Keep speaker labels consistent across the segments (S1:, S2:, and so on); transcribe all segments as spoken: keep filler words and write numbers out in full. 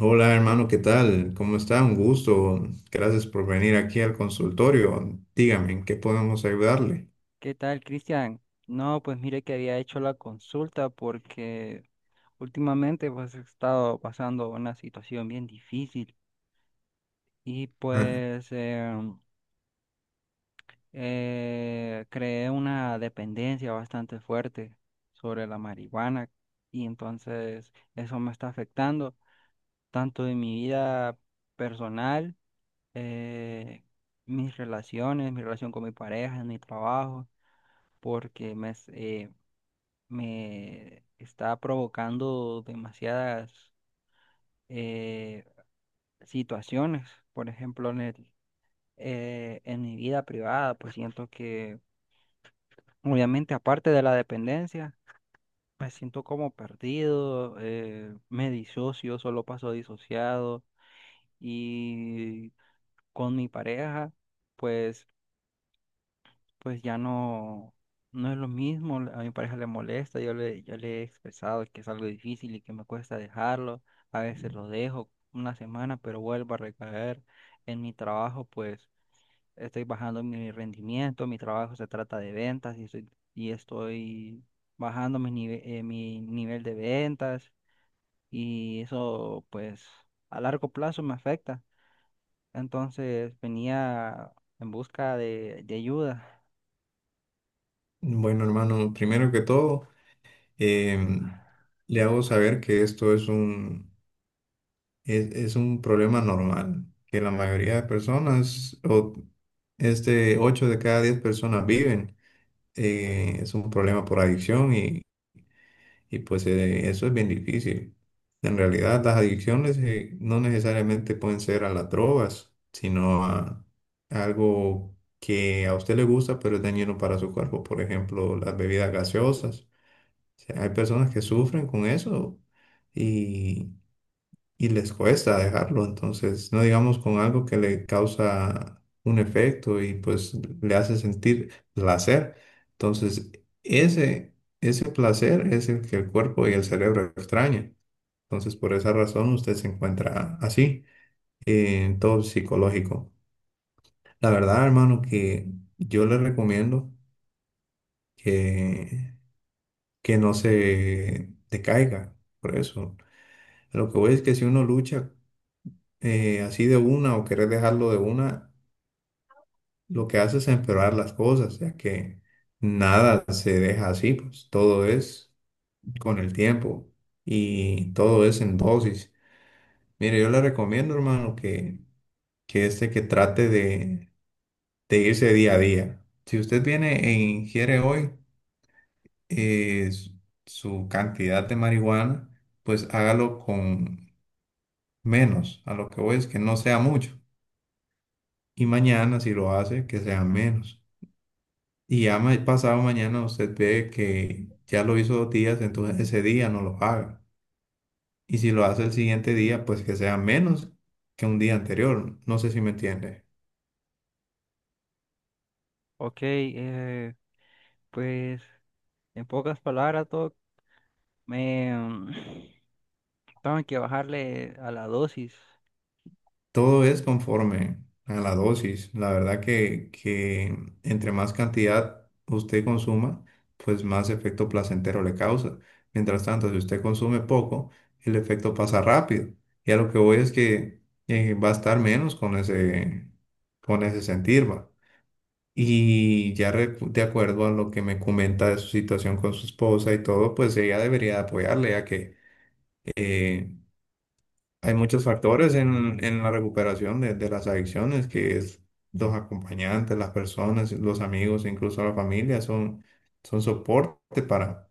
S1: Hola hermano, ¿qué tal? ¿Cómo está? Un gusto. Gracias por venir aquí al consultorio. Dígame, ¿en qué podemos ayudarle?
S2: ¿Qué tal, Cristian? No, pues mire que había hecho la consulta porque últimamente pues he estado pasando una situación bien difícil y
S1: Ah,
S2: pues em, eh, creé una dependencia bastante fuerte sobre la marihuana y entonces eso me está afectando tanto en mi vida personal, eh, mis relaciones, mi relación con mi pareja, en mi trabajo, porque me, me está provocando demasiadas eh, situaciones. Por ejemplo, en el, eh, en mi vida privada, pues siento que, obviamente, aparte de la dependencia, me siento como perdido, eh, me disocio, solo paso disociado y con mi pareja. Pues pues ya no, no es lo mismo, a mi pareja le molesta, yo le, yo le he expresado que es algo difícil y que me cuesta dejarlo. A veces lo dejo una semana, pero vuelvo a recaer. En mi trabajo, pues estoy bajando mi rendimiento. Mi trabajo se trata de ventas y estoy, y estoy bajando mi nive- eh, mi nivel de ventas y eso pues a largo plazo me afecta. Entonces venía en busca de, de ayuda.
S1: bueno hermano, primero que todo, em, le hago saber que esto es un, es, es un problema normal, que la mayoría de personas, o este ocho de cada diez personas viven. Eh, es un problema por adicción. Y pues eh, eso es bien difícil. En realidad las adicciones eh, no necesariamente pueden ser a las drogas, sino a algo que a usted le gusta pero es dañino para su cuerpo. Por ejemplo, las bebidas gaseosas. O sea, hay personas que sufren con eso y y les cuesta dejarlo. Entonces no digamos con algo que le causa un efecto y pues le hace sentir placer. Entonces, ese, ese placer es el que el cuerpo y el cerebro extrañan. Entonces, por esa razón usted se encuentra así, eh, en todo psicológico. La verdad, hermano, que yo le recomiendo que, que no se decaiga por eso. A Lo que voy es que si uno lucha eh, así de una o querer dejarlo de una, lo que hace es empeorar las cosas, ya que nada se deja así, pues todo es con el tiempo y todo es en dosis. Mire, yo le recomiendo, hermano, que, que este que trate de, de irse día a día. Si usted viene e ingiere hoy eh, s- su cantidad de marihuana, pues hágalo con menos. A lo que voy es que no sea mucho. Y mañana, si lo hace, que sea menos. Y ya ma- pasado mañana usted ve que ya lo hizo dos días, entonces ese día no lo haga. Y si lo hace el siguiente día, pues que sea menos que un día anterior. No sé si me entiende.
S2: Ok, eh, pues en pocas palabras, Doc, me mm, tengo que bajarle a la dosis.
S1: Todo es conforme a la dosis. La verdad que, que entre más cantidad usted consuma, pues más efecto placentero le causa. Mientras tanto, si usted consume poco, el efecto pasa rápido. Y a lo que voy es que eh, va a estar menos con ese, con ese sentir, va. Y ya re- de acuerdo a lo que me comenta de su situación con su esposa y todo, pues ella debería apoyarle, ya que eh, hay muchos factores en, en la recuperación de, de las adicciones, que es los acompañantes, las personas, los amigos, incluso la familia, son, son soporte para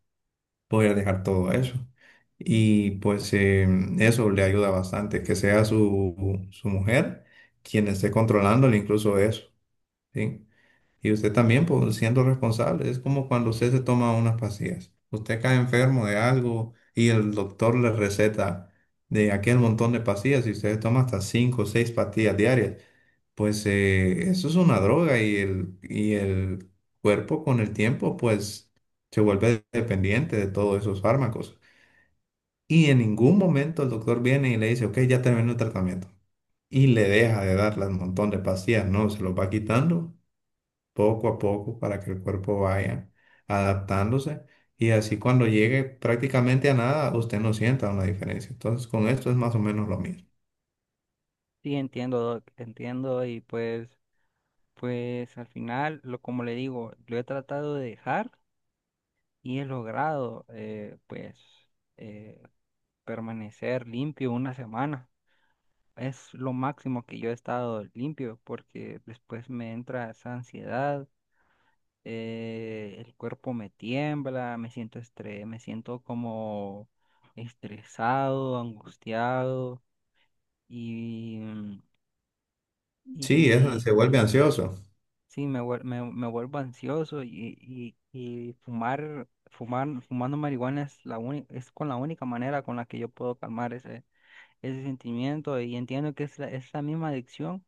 S1: poder dejar todo eso. Y pues eh, eso le ayuda bastante, que sea su, su mujer quien esté controlándole incluso eso, ¿sí? Y usted
S2: Sí,
S1: también, pues, siendo responsable, es como cuando usted se toma unas pastillas. Usted cae enfermo de algo y el doctor le receta de aquel montón de pastillas y usted toma hasta cinco o seis pastillas diarias. Pues eh, eso es una droga y el, y el cuerpo con el tiempo pues se vuelve dependiente de todos esos fármacos. Y en ningún momento el doctor viene y le dice, ok, ya terminó el tratamiento. Y le deja de dar un montón de pastillas, no, se los va quitando poco a poco para que el cuerpo vaya adaptándose y así cuando llegue prácticamente a nada, usted no sienta una diferencia. Entonces, con esto es más o menos lo mismo.
S2: sí, entiendo, Doc, entiendo y pues, pues al final, lo como le digo, lo he tratado de dejar y he logrado, eh, pues, eh, permanecer limpio una semana. Es lo máximo que yo he estado limpio porque después me entra esa ansiedad. Eh, el cuerpo me tiembla, me siento estre- me siento como estresado, angustiado y, mm,
S1: Sí, eso
S2: y
S1: se vuelve ansioso.
S2: sí, me, vuel- me, me vuelvo ansioso y, y, y fumar, fumar, fumando marihuana es la única, es con la única manera con la que yo puedo calmar ese, ese sentimiento. Y entiendo que es la, es la misma adicción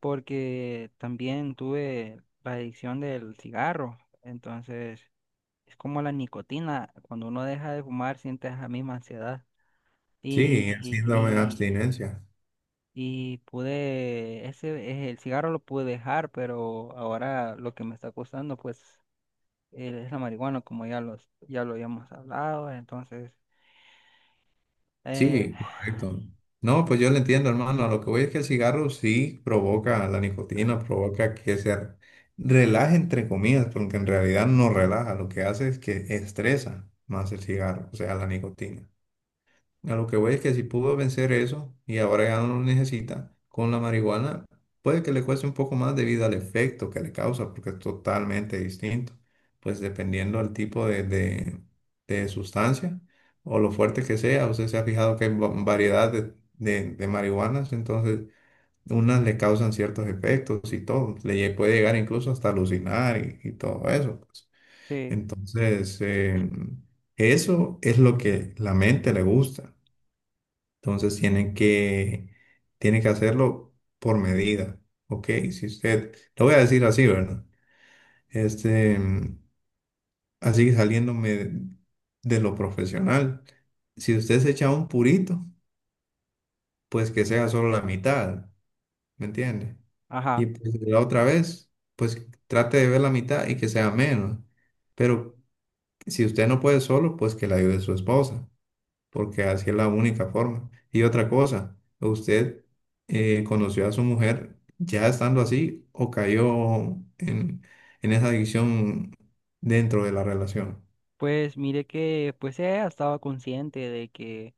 S2: porque también tuve la adicción del cigarro. Entonces... Es como la nicotina, cuando uno deja de fumar siente esa misma ansiedad.
S1: Sí,
S2: Y,
S1: el síndrome de
S2: y,
S1: abstinencia.
S2: y, y pude, ese, eh, el cigarro lo pude dejar, pero ahora lo que me está costando pues eh, es la marihuana, como ya, los, ya lo habíamos hablado, entonces, eh,
S1: Sí, correcto. No, pues yo le entiendo, hermano. A lo que voy es que el cigarro sí provoca la nicotina, provoca que se relaje entre comillas, porque en realidad no relaja, lo que hace es que estresa más el cigarro, o sea, la nicotina. A lo que voy es que si pudo vencer eso y ahora ya no lo necesita con la marihuana, puede que le cueste un poco más debido al efecto que le causa, porque es totalmente distinto. Pues dependiendo del tipo de, de- de sustancia o lo fuerte que sea, usted se ha fijado que hay va- variedad de, de- de marihuanas, entonces unas le causan ciertos efectos y todo. Le lle- puede llegar incluso hasta alucinar y, y todo eso, pues.
S2: sí,
S1: Entonces, eh, eso es lo que la mente le gusta. Entonces tienen que, tienen que hacerlo por medida, ¿ok? Si usted, lo voy a decir así, ¿verdad? Este, mm, Así que saliéndome de, de lo profesional, si usted se echa un purito, pues que sea solo la mitad, ¿me entiende? Y
S2: ajá.
S1: pues la otra vez, pues trate de ver la mitad y que sea menos. Pero si usted no puede solo, pues que la ayude su esposa. Porque así es la única forma. Y otra cosa, ¿usted eh, conoció a su mujer ya estando así o cayó en, en esa adicción dentro de la relación?
S2: Pues mire que pues ella estaba consciente de que,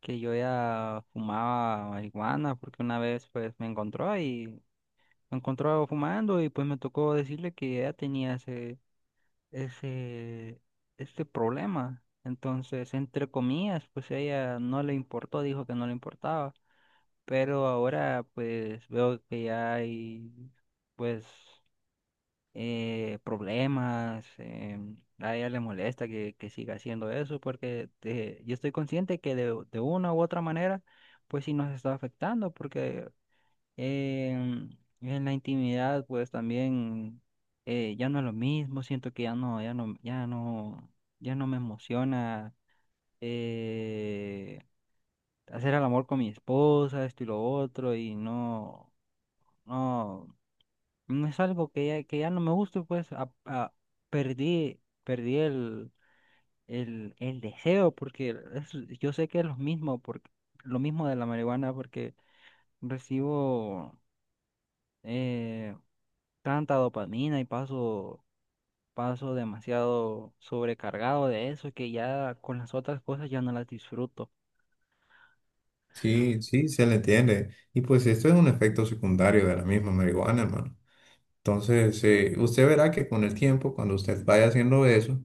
S2: que yo ya fumaba marihuana, porque una vez pues me encontró y me encontraba fumando y pues me tocó decirle que ella tenía ese, ese, este problema. Entonces, entre comillas, pues ella no le importó, dijo que no le importaba. Pero ahora pues veo que ya hay pues eh, problemas. Em, a ella le molesta que, que siga haciendo eso porque eh, yo estoy consciente que de, de una u otra manera pues sí nos está afectando porque Em, en la intimidad, pues también eh, ya no es lo mismo. Siento que ya no, ya no, ya no, ya no me emociona eh, hacer el amor con mi esposa, esto y lo otro, y no, no, no es algo que ya, que ya no me guste. Pues a- a- perdí, perdí el, el, el deseo, porque es- yo sé que es lo mismo, porque lo mismo de la marihuana, porque recibo eh, tanta dopamina y paso, paso demasiado sobrecargado de eso que ya con las otras cosas ya no las disfruto.
S1: Sí, sí, se le entiende. Y pues esto es un efecto secundario de la misma marihuana, hermano. Entonces, eh, usted verá que con el tiempo, cuando usted vaya haciendo eso,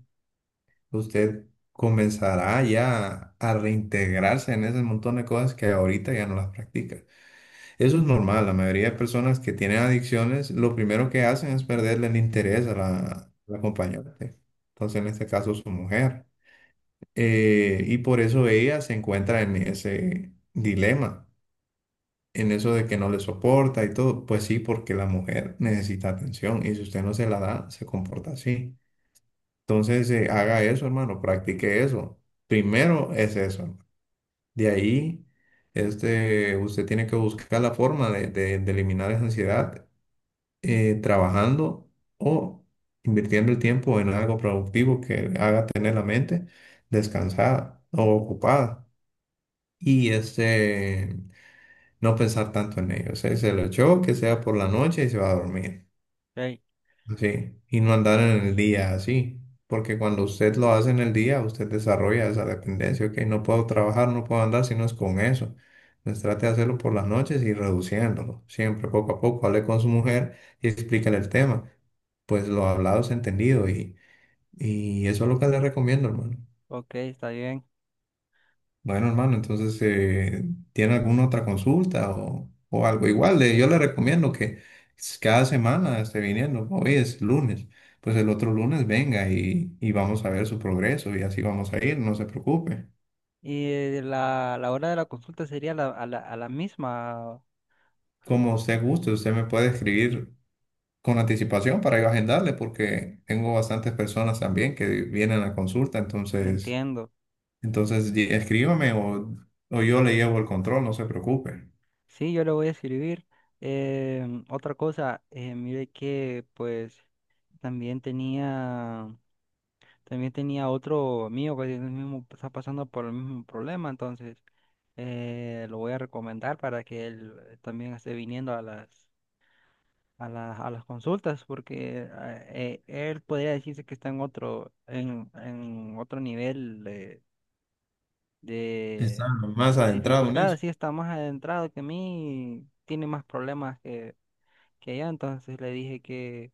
S1: usted comenzará ya a reintegrarse en ese montón de cosas que ahorita ya no las practica. Eso es normal, la mayoría de personas que tienen adicciones, lo primero que hacen es perderle el interés a la, a la acompañante, entonces en este caso su mujer. Eh, y por eso ella se encuentra en ese dilema, en eso de que no le soporta y todo. Pues sí, porque la mujer necesita atención y si usted no se la da, se comporta así. Entonces eh, haga eso, hermano, practique eso. Primero es eso, hermano. De ahí. Este, usted tiene que buscar la forma de, de- de eliminar esa ansiedad eh, trabajando o invirtiendo el tiempo en algo productivo que haga tener la mente descansada o ocupada y este, no pensar tanto en ello. O sea, se lo echó, que sea por la noche y se va a dormir.
S2: Ok,
S1: Sí, y no andar en el día así, porque cuando usted lo hace en el día, usted desarrolla esa dependencia. Ok, no puedo trabajar, no puedo andar si no es con eso. Entonces trate de hacerlo por las noches y reduciéndolo, siempre poco a poco, hable con su mujer y explícale el tema, pues lo hablado es entendido, y, y eso es lo que le recomiendo, hermano.
S2: ok, está bien.
S1: Bueno, hermano, entonces, eh, ¿tiene alguna otra consulta o, o algo? Igual, le- yo le recomiendo que s- cada semana esté viniendo. Hoy es lunes, pues el otro lunes venga, y, y vamos a ver su progreso y así vamos a ir, no se preocupe.
S2: Y eh, la, la hora de la consulta sería la- a la, a la misma.
S1: Como usted guste, usted me puede escribir con anticipación para yo agendarle porque tengo bastantes personas también que vienen a consulta. entonces,
S2: Entiendo.
S1: entonces di- escríbame, o, o yo le llevo el control, no se preocupe.
S2: Sí, yo le voy a escribir. Em, otra cosa, eh, mire que pues también tenía... también tenía otro mío que tiene el mismo- está pasando por el mismo problema. Entonces eh, lo voy a recomendar para que él también esté viniendo a las, a las, a las consultas, porque ah, eh, él podría decirse que está en otro, en, en otro nivel de,
S1: Está
S2: de,
S1: más
S2: de
S1: adentrado en
S2: dificultad,
S1: eso.
S2: así está más adentrado que mí, tiene más problemas que, que yo. Entonces le dije que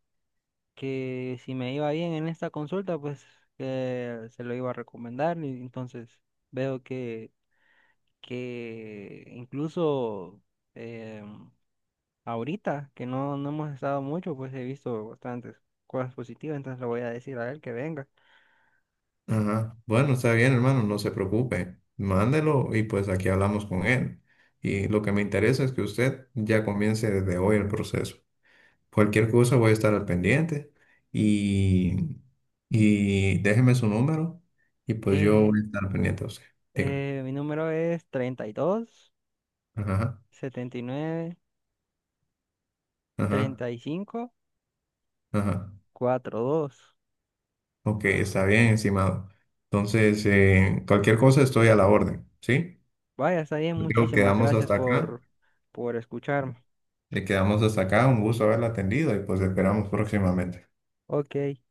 S2: que si me iba bien en esta consulta, pues que se lo iba a recomendar. Y entonces veo que, que incluso em, ahorita, que no, no hemos estado mucho, pues he visto bastantes cosas positivas, entonces le voy a decir a él que venga.
S1: Ajá. Bueno, está bien, hermano, no se preocupe. Mándelo y pues aquí hablamos con él. Y lo que me interesa es que usted ya comience desde hoy el proceso. Cualquier cosa voy a estar al pendiente, y, y déjeme su número y pues yo
S2: Eh,
S1: voy a estar al pendiente a usted. Dígame.
S2: eh, mi número es
S1: Ajá, ajá,
S2: treinta y dos, setenta y nueve, treinta y cinco,
S1: ajá.
S2: dos.
S1: Ok, está bien, estimado. Entonces, eh, cualquier cosa estoy a la orden, ¿sí?
S2: Vaya, está bien,
S1: Yo creo que
S2: muchísimas
S1: quedamos
S2: gracias
S1: hasta acá.
S2: por, por escucharme.
S1: Y quedamos hasta acá. Un gusto haberla atendido y pues esperamos próximamente.
S2: Ok.